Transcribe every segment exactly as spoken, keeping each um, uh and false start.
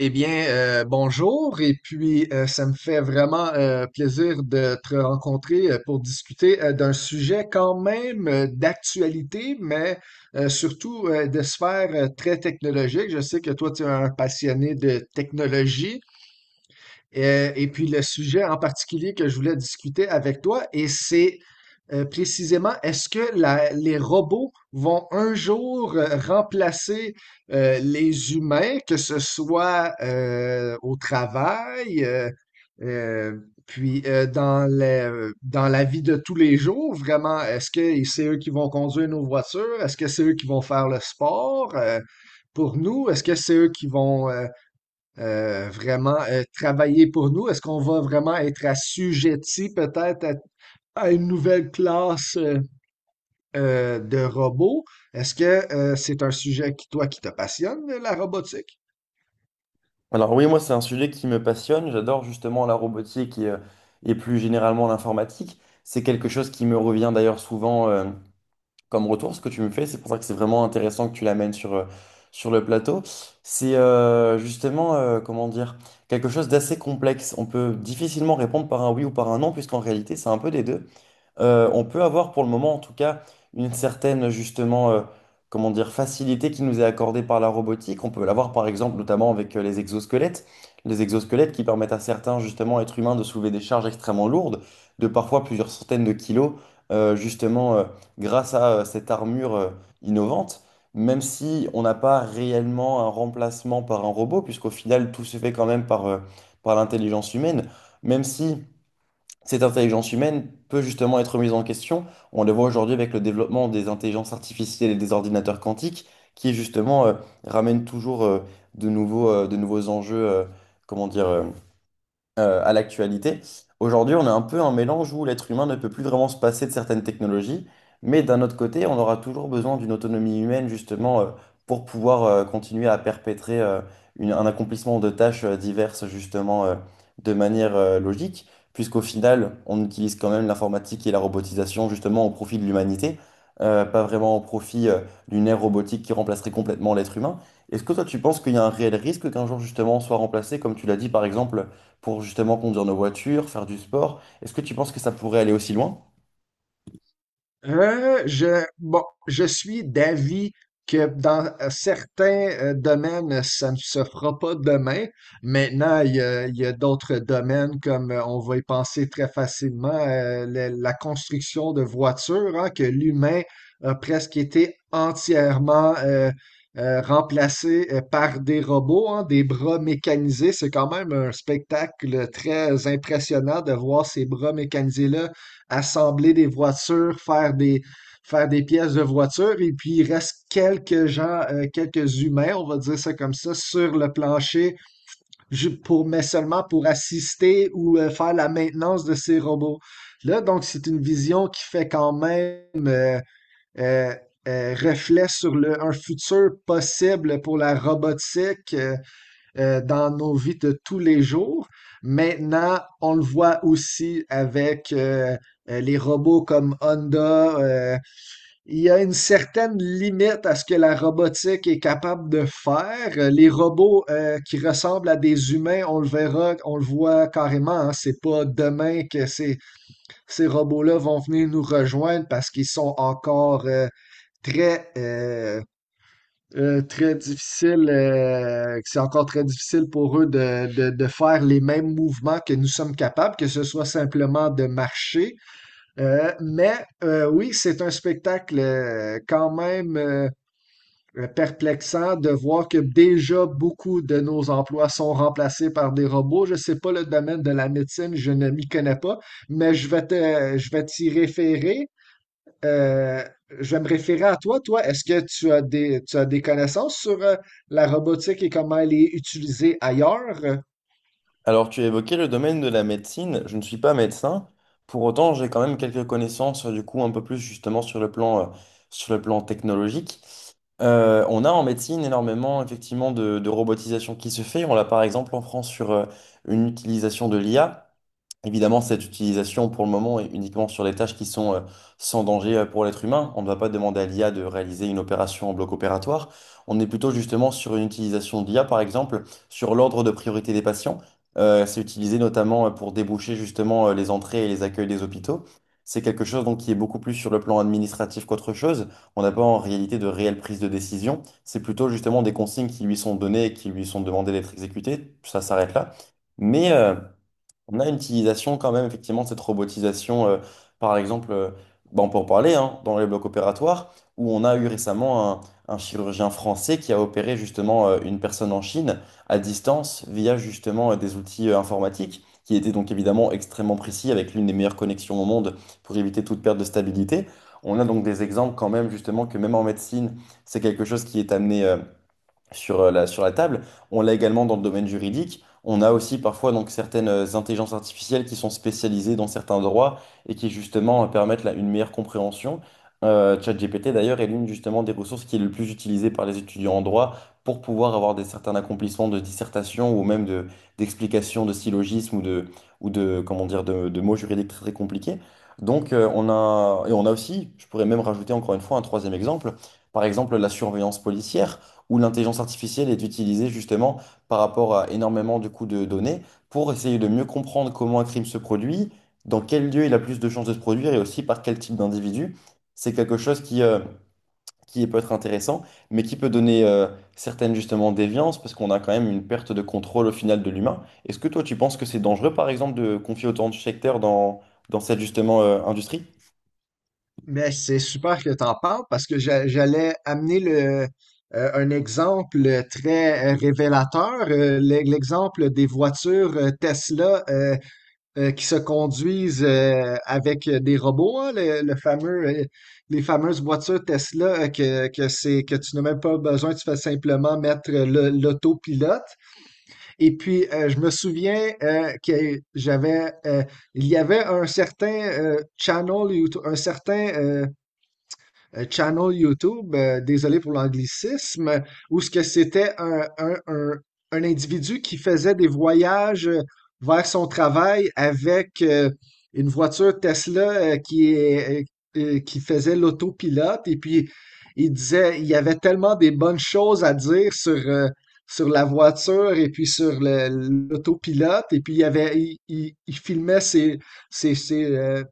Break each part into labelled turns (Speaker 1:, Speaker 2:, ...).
Speaker 1: Eh bien, euh, bonjour, et puis euh, ça me fait vraiment euh, plaisir de te rencontrer euh, pour discuter euh, d'un sujet quand même euh, d'actualité, mais euh, surtout euh, de sphère euh, très technologique. Je sais que toi, tu es un passionné de technologie. Euh, et puis le sujet en particulier que je voulais discuter avec toi, et c'est euh, précisément, est-ce que la- les robots vont un jour euh, remplacer euh, les humains, que ce soit euh, au travail, euh, euh, puis euh, dans le- dans la vie de tous les jours, vraiment, est-ce que c'est eux qui vont conduire nos voitures? Est-ce que c'est eux qui vont faire le sport euh, pour nous? Est-ce que c'est eux qui vont euh, euh, vraiment euh, travailler pour nous? Est-ce qu'on va vraiment être assujetti peut-être à, à une nouvelle classe euh, euh, de robots? Est-ce que euh, c'est un sujet qui, toi, qui te passionne, la robotique?
Speaker 2: Alors oui, moi c'est un sujet qui me passionne. J'adore justement la robotique et, euh, et plus généralement l'informatique. C'est quelque chose qui me revient d'ailleurs souvent euh, comme retour, ce que tu me fais. C'est pour ça que c'est vraiment intéressant que tu l'amènes sur, euh, sur le plateau. C'est euh, justement, euh, comment dire, quelque chose d'assez complexe. On peut difficilement répondre par un oui ou par un non, puisqu'en réalité c'est un peu des deux. Euh, on peut avoir pour le moment en tout cas une certaine justement euh, comment dire facilité qui nous est accordée par la robotique. On peut l'avoir par exemple notamment avec euh, les exosquelettes, les exosquelettes qui permettent à certains justement êtres humains de soulever des charges extrêmement lourdes, de parfois plusieurs centaines de kilos, euh, justement, euh, grâce à euh, cette armure euh, innovante. Même si on n'a pas réellement un remplacement par un robot, puisqu'au final tout se fait quand même par, euh, par l'intelligence humaine, même si cette intelligence humaine peut justement être mise en question. On le voit aujourd'hui avec le développement des intelligences artificielles et des ordinateurs quantiques qui justement euh, ramènent toujours euh, de nouveaux, euh, de nouveaux enjeux, euh, comment dire, euh, euh, à l'actualité. Aujourd'hui, on a un peu un mélange où l'être humain ne peut plus vraiment se passer de certaines technologies, mais d'un autre côté, on aura toujours besoin d'une autonomie humaine justement euh, pour pouvoir euh, continuer à perpétrer euh, une- un accomplissement de tâches euh, diverses justement euh, de manière euh, logique, puisqu'au final, on utilise quand même l'informatique et la robotisation justement au profit de l'humanité. Euh, pas vraiment au profit euh, d'une ère robotique qui remplacerait complètement l'être humain. Est-ce que toi tu penses qu'il y a un réel risque qu'un jour justement on soit remplacé, comme tu l'as dit par exemple, pour justement conduire nos voitures, faire du sport. Est-ce que tu penses que ça pourrait aller aussi loin?
Speaker 1: Euh, je, bon, je suis d'avis que dans euh, certains euh, domaines, ça ne se fera pas demain. Maintenant, il y a, il y a d'autres domaines comme euh, on va y penser très facilement, euh, la, la construction de voitures, hein, que l'humain a presque été entièrement euh, euh, remplacé euh, par des robots, hein, des bras mécanisés. C'est quand même un spectacle très impressionnant de voir ces bras mécanisés-là assembler des voitures, faire des, faire des pièces de voitures. Et puis, il reste quelques gens, euh, quelques humains, on va dire ça comme ça, sur le plancher, ju- pour, mais seulement pour assister ou euh, faire la maintenance de ces robots. Là, donc, c'est une vision qui fait quand même euh, euh, euh, reflet sur le, un futur possible pour la robotique. Euh, euh, dans nos vies de tous les jours. Maintenant, on le voit aussi avec euh, euh, les robots comme Honda. Euh, il y a une certaine limite à ce que la robotique est capable de faire. Euh, Les robots euh, qui ressemblent à des humains, on le verra, on le voit carrément. Hein. C'est pas demain que ces, ces robots-là vont venir nous rejoindre parce qu'ils sont encore euh, très euh, euh, très difficile, euh, que c'est encore très difficile pour eux de, de- de faire les mêmes mouvements que nous sommes capables, que ce soit simplement de marcher. Euh, mais euh, oui, c'est un spectacle euh, quand même euh, perplexant de voir que déjà beaucoup de nos emplois sont remplacés par des robots. Je sais pas le domaine de la médecine, je ne m'y connais pas, mais je vais te, je vais t'y référer euh, je vais me référer à toi. Toi, est-ce que tu as des, tu as des connaissances sur euh, la robotique et comment elle est utilisée ailleurs?
Speaker 2: Alors, tu as évoqué le domaine de la médecine. Je ne suis pas médecin. Pour autant, j'ai quand même quelques connaissances, euh, du coup, un peu plus justement sur le plan, euh, sur le plan technologique. Euh, on a en médecine énormément effectivement de, de robotisation qui se fait. On l'a par exemple en France sur euh, une utilisation de l'I A. Évidemment, cette utilisation pour le moment est uniquement sur les tâches qui sont euh, sans danger euh, pour l'être humain. On ne va pas demander à l'I A de réaliser une opération en bloc opératoire. On est plutôt justement sur une utilisation d'I A, par exemple, sur l'ordre de priorité des patients. Euh, c'est utilisé notamment euh, pour déboucher justement euh, les entrées et les accueils des hôpitaux. C'est quelque chose donc qui est beaucoup plus sur le plan administratif qu'autre chose. On n'a pas en réalité de réelle prise de décision. C'est plutôt justement des consignes qui lui sont données et qui lui sont demandées d'être exécutées. Ça s'arrête là. Mais euh, on a une utilisation quand même effectivement de cette robotisation, euh, par exemple, euh, bah, on peut en parler hein, dans les blocs opératoires, où on a eu récemment un, un chirurgien français qui a opéré justement euh, une personne en Chine à distance via justement euh, des outils euh, informatiques, qui étaient donc évidemment extrêmement précis avec l'une des meilleures connexions au monde pour éviter toute perte de stabilité. On a donc des exemples quand même justement que même en médecine, c'est quelque chose qui est amené, euh, sur euh, la, sur la table. On l'a également dans le domaine juridique. On a aussi parfois donc certaines euh, intelligences artificielles qui sont spécialisées dans certains droits et qui justement euh, permettent là, une meilleure compréhension. Euh, ChatGPT d'ailleurs est l'une justement des ressources qui est le plus utilisée par les étudiants en droit pour pouvoir avoir des certains accomplissements de dissertation ou même de d'explications de syllogismes ou de ou de comment dire de, de mots juridiques très, très compliqués. Donc euh, on a et on a aussi, je pourrais même rajouter encore une fois un troisième exemple, par exemple la surveillance policière où l'intelligence artificielle est utilisée justement par rapport à énormément de coûts de données pour essayer de mieux comprendre comment un crime se produit, dans quel lieu il a plus de chances de se produire et aussi par quel type d'individu. C'est quelque chose qui, euh, qui peut être intéressant, mais qui peut donner euh, certaines justement déviances parce qu'on a quand même une perte de contrôle au final de l'humain. Est-ce que toi tu penses que c'est dangereux par exemple de confier autant de secteurs dans, dans cette justement euh, industrie?
Speaker 1: Mais c'est super que tu en parles parce que j'a- j'allais amener le, euh, un exemple très euh, révélateur, euh, l'e- l'exemple des voitures euh, Tesla euh, euh, qui se conduisent euh, avec des robots, hein, le, le fameux, euh, les fameuses voitures Tesla euh, que, que c'est, que tu n'as même pas besoin, tu fais simplement mettre le- l'autopilote. Et puis, euh, je me souviens euh, que j'avais, euh, il y avait un certain euh, channel, YouTube, un certain euh, euh, channel YouTube, euh, désolé pour l'anglicisme, où ce que c'était un, un, un, un individu qui faisait des voyages euh, vers son travail avec euh, une voiture Tesla euh, qui est, euh, euh, qui faisait l'autopilote et puis il disait il y avait tellement des bonnes choses à dire sur euh, sur la voiture et puis sur le- l'autopilote et puis il y avait il, il- il filmait ses ses ses, euh,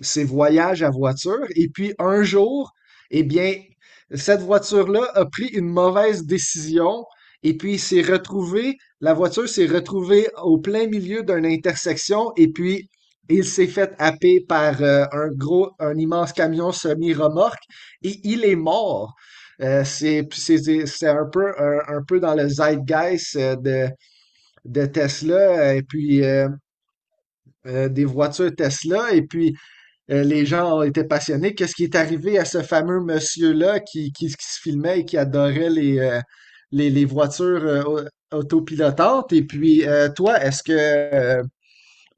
Speaker 1: ses voyages à voiture et puis un jour eh bien, cette voiture-là a pris une mauvaise décision et puis s'est retrouvée, la voiture s'est retrouvée au plein milieu d'une intersection et puis il s'est fait happer par euh, un gros, un immense camion semi-remorque et il est mort. Euh, c'est c'est- c'est un peu, un, un peu dans le zeitgeist euh, de, de Tesla euh, et puis euh, euh, des voitures Tesla. Et puis, euh, les gens étaient passionnés. Qu'est-ce qui est arrivé à ce fameux monsieur-là qui, qui- qui se filmait et qui adorait les, euh, les, les voitures euh, au- autopilotantes? Et puis, euh, toi, est-ce que, euh,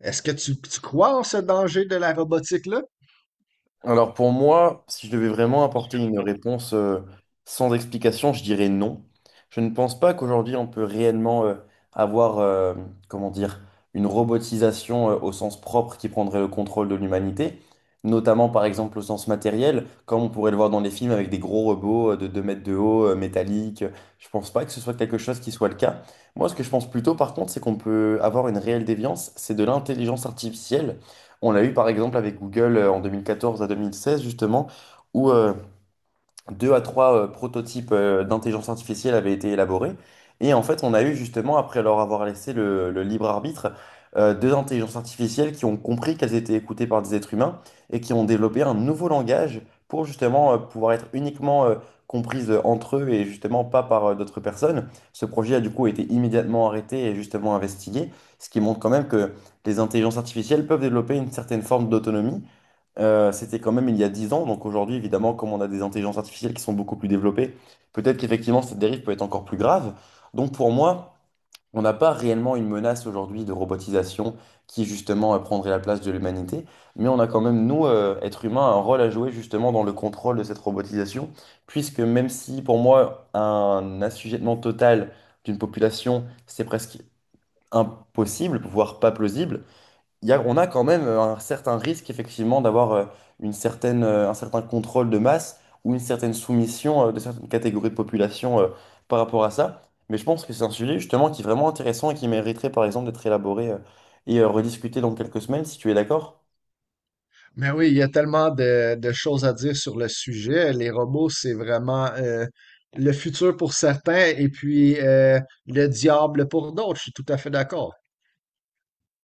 Speaker 1: est-ce que tu, tu crois en ce danger de la robotique-là?
Speaker 2: Alors pour moi, si je devais vraiment apporter une réponse euh, sans explication, je dirais non. Je ne pense pas qu'aujourd'hui on peut réellement euh, avoir, euh, comment dire, une robotisation euh, au sens propre qui prendrait le contrôle de l'humanité, notamment par exemple au sens matériel, comme on pourrait le voir dans les films avec des gros robots euh, de deux mètres de haut, euh, métalliques. Je ne pense pas que ce soit quelque chose qui soit le cas. Moi, ce que je pense plutôt par contre, c'est qu'on peut avoir une réelle déviance, c'est de l'intelligence artificielle. On l'a eu par exemple avec Google euh, en deux mille quatorze à deux mille seize justement, où euh, deux à trois euh, prototypes euh, d'intelligence artificielle avaient été élaborés. Et en fait, on a eu justement, après leur avoir laissé le, le libre arbitre, euh, deux intelligences artificielles qui ont compris qu'elles étaient écoutées par des êtres humains et qui ont développé un nouveau langage pour justement euh, pouvoir être uniquement euh, comprises euh, entre eux et justement pas par euh, d'autres personnes. Ce projet a du coup été immédiatement arrêté et justement investigué, ce qui montre quand même que les intelligences artificielles peuvent développer une certaine forme d'autonomie. Euh, c'était quand même il y a dix ans. Donc aujourd'hui, évidemment, comme on a des intelligences artificielles qui sont beaucoup plus développées, peut-être qu'effectivement, cette dérive peut être encore plus grave. Donc pour moi, on n'a pas réellement une menace aujourd'hui de robotisation qui justement euh, prendrait la place de l'humanité. Mais on a quand même, nous, euh, êtres humains, un rôle à jouer justement dans le contrôle de cette robotisation. Puisque même si pour moi, un assujettissement total d'une population, c'est presque impossible, voire pas plausible, il y a- on a quand même euh, un certain risque, effectivement, d'avoir euh, une certaine, euh, un certain contrôle de masse ou une certaine soumission euh, de certaines catégories de population euh, par rapport à ça. Mais je pense que c'est un sujet, justement, qui est vraiment intéressant et qui mériterait, par exemple, d'être élaboré euh, et euh, rediscuté dans quelques semaines, si tu es d'accord.
Speaker 1: Mais oui, il y a tellement de, de choses à dire sur le sujet. Les robots, c'est vraiment euh, le futur pour certains et puis euh, le diable pour d'autres. Je suis tout à fait d'accord.